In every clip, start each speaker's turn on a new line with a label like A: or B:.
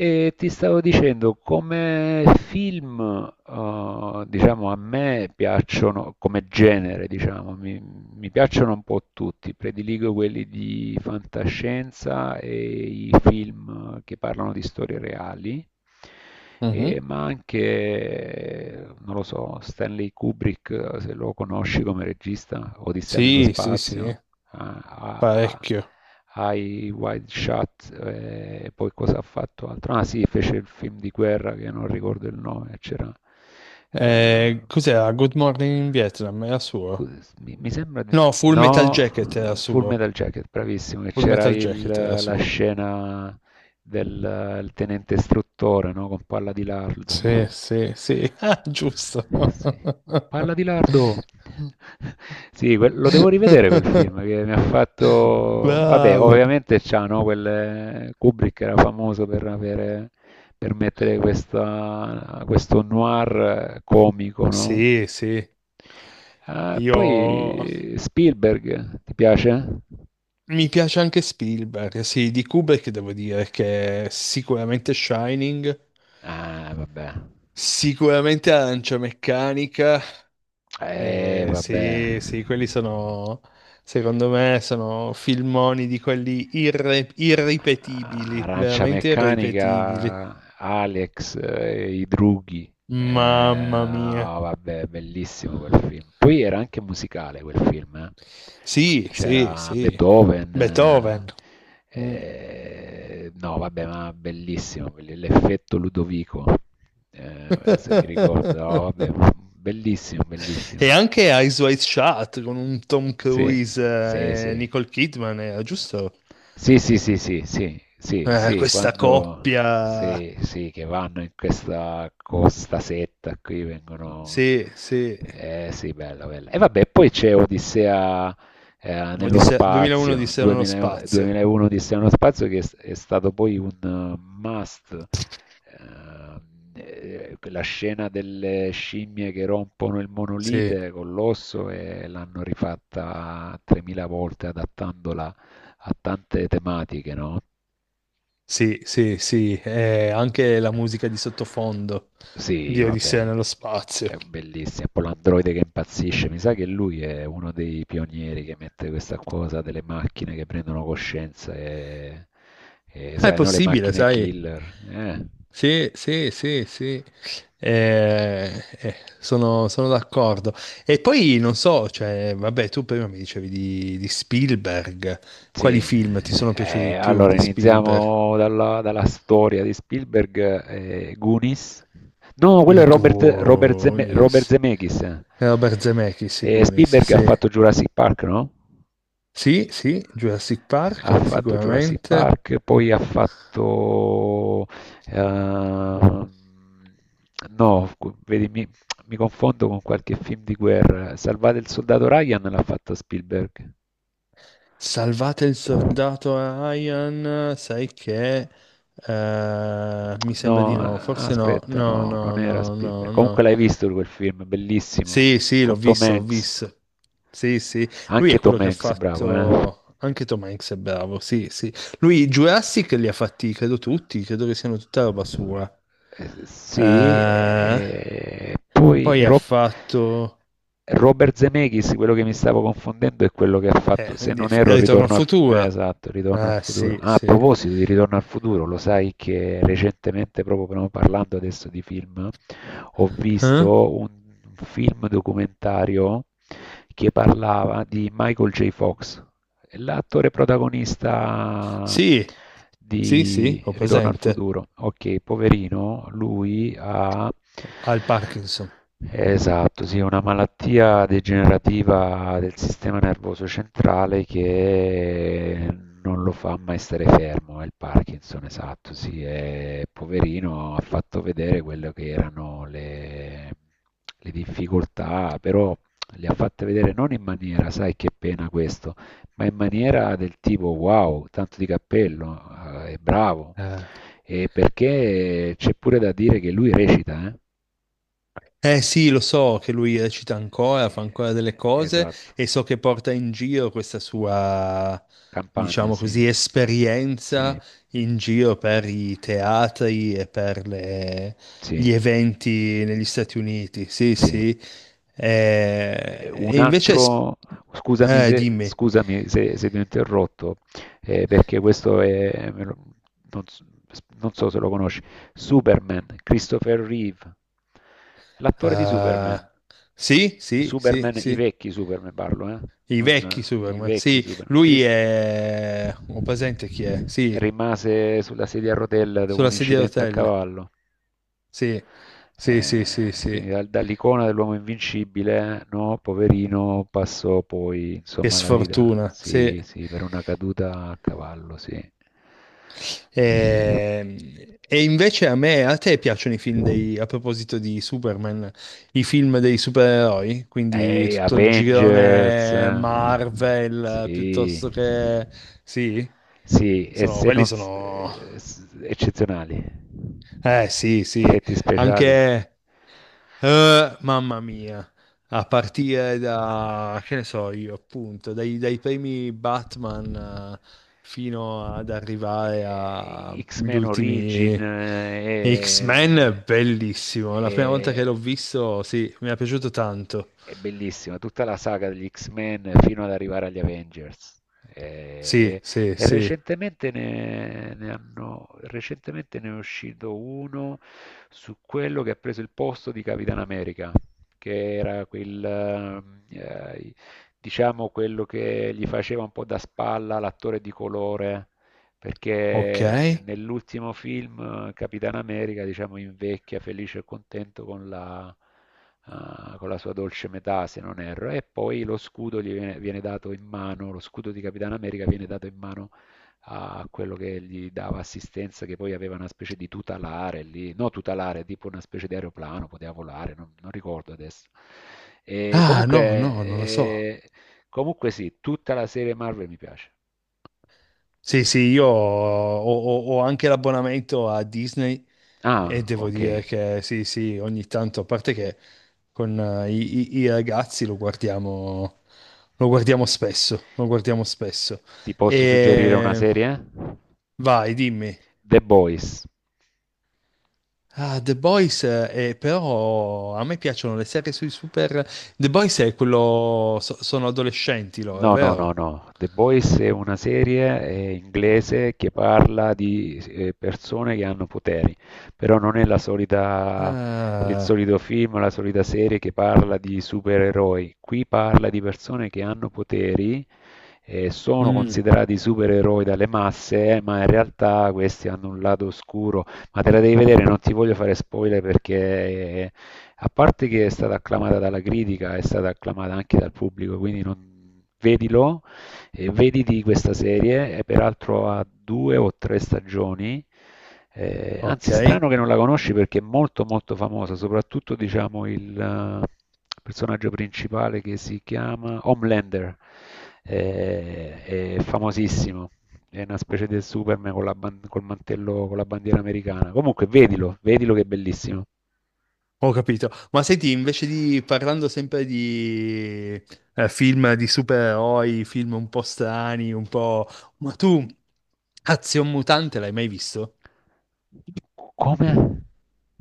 A: E ti stavo dicendo, come film, diciamo, a me piacciono, come genere, diciamo, mi piacciono un po' tutti, prediligo quelli di fantascienza e i film che parlano di storie reali,
B: Mhm.
A: ma anche, non lo so, Stanley Kubrick, se lo conosci come regista, Odissea nello
B: Sì, sì, sì,
A: spazio a- a-
B: parecchio.
A: ai Wild Shot, poi cosa ha fatto altro? Ah sì, fece il film di guerra che non ricordo il nome, c'era... eh,
B: Cos'era? Good Morning in Vietnam era suo.
A: Scusa, mi sembra di...
B: No, Full Metal Jacket era
A: No, Full
B: suo.
A: Metal Jacket, bravissimo, che
B: Full
A: c'era
B: Metal Jacket era
A: la
B: suo.
A: scena del il tenente istruttore, no? Con palla di
B: Sì,
A: lardo.
B: sì, sì. Ah, giusto.
A: Sì. Palla di lardo. Sì, lo devo rivedere quel film che mi ha fatto... Vabbè,
B: Bravo.
A: ovviamente c'ha, no? Quel... Kubrick era famoso per avere... per mettere questa... questo noir comico, no?
B: Sì, sì.
A: Ah,
B: Io
A: poi Spielberg, ti piace?
B: mi piace anche Spielberg, sì, di Kubrick devo dire che sicuramente Shining.
A: Ah, vabbè.
B: Sicuramente Arancia Meccanica,
A: Vabbè.
B: sì, sì, quelli sono, secondo me, sono filmoni di quelli irripetibili,
A: Arancia
B: veramente irripetibili.
A: Meccanica, Alex, i drughi.
B: Mamma mia.
A: Ah, vabbè, bellissimo quel film. Poi era anche musicale quel film, eh.
B: Sì, sì,
A: C'era
B: sì.
A: Beethoven.
B: Beethoven. Mm.
A: eh, no, vabbè, ma bellissimo, l'effetto Ludovico. Se mi ricordo, no, vabbè, bellissimo,
B: E
A: bellissimo.
B: anche Eyes Wide Shut con un Tom
A: Sì,
B: Cruise
A: sì, sì.
B: e Nicole Kidman, era giusto?
A: Sì, sì, sì, sì, sì, sì, sì,
B: Questa
A: quando
B: coppia.
A: sì, sì, che vanno in questa costa setta qui vengono.
B: Sì, sì.
A: Eh sì, bella, bella. E vabbè, poi c'è Odissea nello
B: 2001
A: spazio,
B: Odissea nello
A: 2000
B: spazio.
A: 2001 Odissea nello spazio che è stato poi un must. Ehm, la scena delle scimmie che rompono il
B: Sì,
A: monolite con l'osso e l'hanno rifatta 3000 volte adattandola a tante tematiche, no?
B: sì, sì, sì, e anche la musica di sottofondo
A: Sì,
B: di
A: vabbè,
B: Odissea nello spazio.
A: è bellissimo. Poi l'androide che impazzisce, mi sa che lui è uno dei pionieri che mette questa cosa delle macchine che prendono coscienza e
B: Ah, è
A: sai, no, le
B: possibile,
A: macchine
B: sai?
A: killer, eh?
B: Sì, sì, sì, sì. Sono d'accordo. E poi non so, cioè, vabbè, tu prima mi dicevi di Spielberg. Quali
A: Sì,
B: film ti sono piaciuti di più
A: allora
B: di Spielberg?
A: iniziamo dalla storia di Spielberg, Goonies. No, quello
B: I
A: è Robert
B: Goonies.
A: Zemeckis.
B: Robert Zemeckis, i Goonies,
A: Spielberg ha
B: sì.
A: fatto Jurassic Park, no?
B: Sì, sì, Jurassic
A: Ha
B: Park,
A: fatto Jurassic
B: sicuramente.
A: Park, poi ha fatto, ehm, no, cu vedi mi confondo con qualche film di guerra. Salvate il soldato Ryan l'ha fatto Spielberg.
B: Salvate il soldato Ryan, sai che mi sembra di
A: No,
B: no, forse no,
A: aspetta,
B: no,
A: no,
B: no,
A: non era
B: no,
A: Spielberg.
B: no,
A: Comunque
B: no.
A: l'hai visto quel film, bellissimo,
B: Sì, sì, l'ho
A: con Tom
B: visto, l'ho
A: Hanks.
B: visto. Sì, sì. Lui è
A: Anche Tom
B: quello che ha
A: Hanks, bravo, eh?
B: fatto. Anche Tom Hanks è bravo, sì, sì. Lui Jurassic li ha fatti, credo tutti, credo che siano tutta roba sua.
A: Sì,
B: Eh,
A: e poi
B: poi ha fatto.
A: Robert Zemeckis, quello che mi stavo confondendo è quello che ha fatto, se
B: Quindi
A: non erro,
B: Ritorno al futuro.
A: Esatto, Ritorno al
B: Ah,
A: futuro.
B: sì,
A: Ah, a
B: sì.
A: proposito di Ritorno al futuro, lo sai che recentemente, proprio però parlando adesso di film, ho
B: Eh?
A: visto un film documentario che parlava di Michael J. Fox. L'attore protagonista
B: Sì, sì, sì,
A: di
B: ho
A: Ritorno al
B: presente.
A: futuro. Ok, poverino, lui ha...
B: Al Parkinson.
A: Esatto, sì, una malattia degenerativa del sistema nervoso centrale che non lo fa mai stare fermo, è il Parkinson, esatto, sì, è poverino, ha fatto vedere quello che erano le difficoltà, però le ha fatte vedere non in maniera, sai che pena questo, ma in maniera del tipo wow, tanto di cappello, è bravo,
B: Eh.
A: e perché c'è pure da dire che lui recita, eh?
B: Eh sì, lo so che lui recita ancora, fa ancora delle cose
A: Esatto,
B: e so che porta in giro questa sua,
A: campagna,
B: diciamo
A: sì,
B: così, esperienza
A: sì,
B: in giro per i teatri e per
A: sì,
B: gli eventi negli Stati Uniti. Sì,
A: sì.
B: sì.
A: Un
B: E invece.
A: altro, scusami se,
B: Dimmi.
A: scusami se, se ti ho interrotto, perché questo è, me non, non so se lo conosci, Superman, Christopher Reeve, l'attore di Superman,
B: Ah, sì, sì, sì,
A: Superman, i
B: sì.
A: vecchi Superman parlo, eh?
B: I vecchi
A: Non, i
B: Superman.
A: vecchi
B: Sì,
A: Superman.
B: lui
A: Chris
B: è. Ho presente chi è? Sì.
A: rimase sulla sedia a rotella dopo un
B: Sulla sedia a
A: incidente a
B: rotelle.
A: cavallo.
B: Sì, sì, sì, sì,
A: Eh, quindi
B: sì.
A: dal- dall'icona dell'uomo invincibile, no, poverino, passò poi
B: Che
A: insomma alla vita.
B: sfortuna, sì.
A: Sì, sì, per una caduta a cavallo, sì.
B: E invece a te piacciono i film dei, a proposito di Superman, i film dei supereroi? Quindi
A: Ehi,
B: tutto il
A: Avengers.
B: girone Marvel, piuttosto
A: Sì.
B: che. Sì?
A: Sì, e se
B: Quelli
A: non...
B: sono.
A: eccezionali.
B: Eh sì, sì.
A: Effetti speciali.
B: Anche. Mamma mia, a partire da, che ne so io, appunto, dai, dai primi Batman eh, fino ad arrivare agli
A: X-Men Origin
B: ultimi X-Men, è bellissimo. La prima volta che l'ho
A: eh,
B: visto, sì, mi è piaciuto tanto.
A: è bellissima, tutta la saga degli X-Men fino ad arrivare agli Avengers. Eh,
B: Sì,
A: E,
B: sì,
A: e
B: sì.
A: recentemente, ne hanno, recentemente ne è uscito uno su quello che ha preso il posto di Capitan America, che era quel, eh, diciamo quello che gli faceva un po' da spalla l'attore di colore
B: Ok.
A: perché nell'ultimo film Capitan America, diciamo, invecchia felice e contento con la, con la sua dolce metà, se non erro, e poi lo scudo gli viene dato in mano, lo scudo di Capitan America viene dato in mano a quello che gli dava assistenza, che poi aveva una specie di tutelare lì, no tutelare, tipo una specie di aeroplano, poteva volare, non ricordo adesso. E
B: Ah,
A: comunque,
B: no, no, non lo so.
A: eh, comunque sì, tutta la serie Marvel mi piace.
B: Sì, sì, io ho, ho anche l'abbonamento a Disney. E
A: Ah,
B: devo
A: ok.
B: dire che sì, sì, ogni tanto, a parte che con i ragazzi lo guardiamo spesso, lo guardiamo spesso.
A: Ti posso suggerire una
B: E
A: serie?
B: vai, dimmi.
A: The Boys.
B: Ah, The Boys, però a me piacciono le serie sui super. The Boys è quello. Sono adolescenti loro,
A: No, no, no,
B: vero?
A: no. The Boys è una serie inglese che parla di persone che hanno poteri, però non è la solita, il
B: Ah,
A: solito film, la solita serie che parla di supereroi. Qui parla di persone che hanno poteri sono
B: mm,
A: considerati supereroi dalle masse, ma in realtà questi hanno un lato oscuro, ma te la devi vedere, non ti voglio fare spoiler perché a parte che è stata acclamata dalla critica, è stata acclamata anche dal pubblico, quindi vedilo e vediti questa serie, è peraltro a due o tre stagioni.
B: ok.
A: Anzi, strano che non la conosci perché è molto molto famosa, soprattutto diciamo il personaggio principale che si chiama Homelander, eh, è famosissimo. È una specie del Superman con la, col mantello, con la bandiera americana. Comunque, vedilo, vedilo che è bellissimo.
B: Ho capito. Ma senti, invece di parlando sempre di film di supereroi, film un po' strani, un po'. Ma tu, Azion Mutante l'hai mai visto?
A: Come?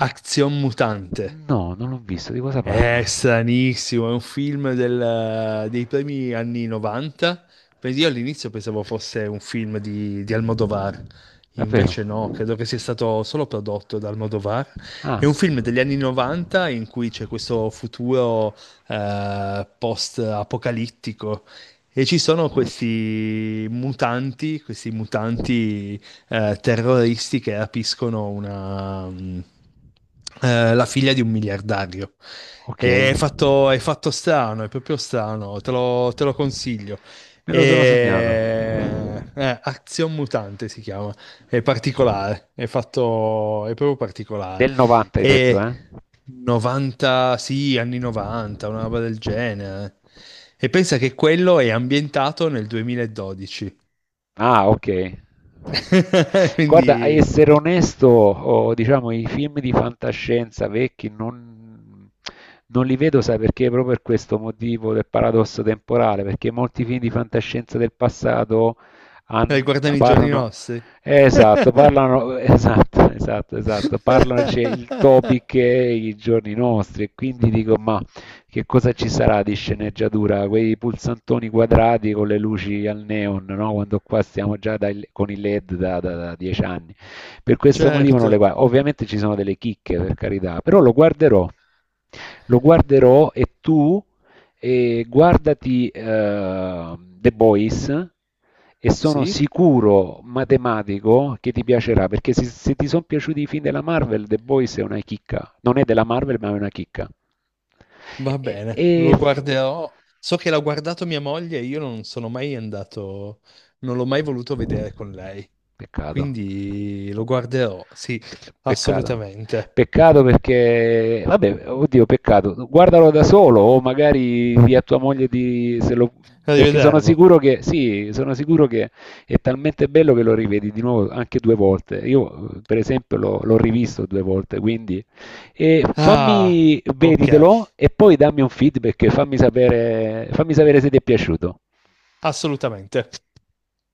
B: Azion Mutante.
A: No, non l'ho visto. Di cosa
B: È
A: parla?
B: stranissimo, è un film dei primi anni 90. Quindi io all'inizio pensavo fosse un film di, Almodovar,
A: Davvero?
B: invece no, credo che sia stato solo prodotto da Almodovar. È
A: Ah,
B: un film degli anni 90 in cui c'è questo futuro post-apocalittico e ci sono questi mutanti terroristi che rapiscono la figlia di un miliardario.
A: ok.
B: È fatto, strano, è proprio strano, te lo consiglio.
A: Me lo sono segnato.
B: Azion Mutante si chiama, è particolare, è fatto, è proprio particolare.
A: Del 90 hai detto,
B: E
A: eh?
B: 90, sì, anni 90, una roba del genere. E pensa che quello è ambientato nel 2012.
A: Ah, ok. Guarda, a
B: Quindi.
A: essere onesto, oh, diciamo, i film di fantascienza vecchi non li vedo, sai perché? Proprio per questo motivo del paradosso temporale, perché molti film di fantascienza del passato
B: Guardano i giorni
A: parlano,
B: nostri.
A: esatto, parlano, esatto, esatto, esatto, parlano, c'è il topic e i giorni nostri, e quindi dico, ma che cosa ci sarà di sceneggiatura? Quei pulsantoni quadrati con le luci al neon, no? Quando qua stiamo già con i LED da, da- da 10 anni. Per questo motivo non le
B: Certo,
A: guardo. Ovviamente ci sono delle chicche, per carità, però lo guarderò. Lo guarderò e tu e guardati The Boys e sono
B: sì,
A: sicuro matematico che ti piacerà perché se ti sono piaciuti i film della Marvel The Boys è una chicca non è della Marvel ma è una chicca
B: va
A: e,
B: bene,
A: e-
B: lo guarderò. So che l'ha guardato mia moglie e io non sono mai andato, non l'ho mai voluto vedere con lei.
A: peccato.
B: Quindi lo guarderò, sì,
A: Pe- Peccato.
B: assolutamente.
A: Peccato perché, vabbè, oddio, peccato. Guardalo da solo o magari di a tua moglie di, se lo- perché sono
B: Arrivederlo.
A: sicuro che, sì, sono sicuro che è talmente bello che lo rivedi di nuovo anche due volte. Io, per esempio, l'ho rivisto due volte, quindi e
B: Ah,
A: fammi,
B: ok,
A: veditelo e poi dammi un feedback, fammi sapere se ti è piaciuto.
B: assolutamente.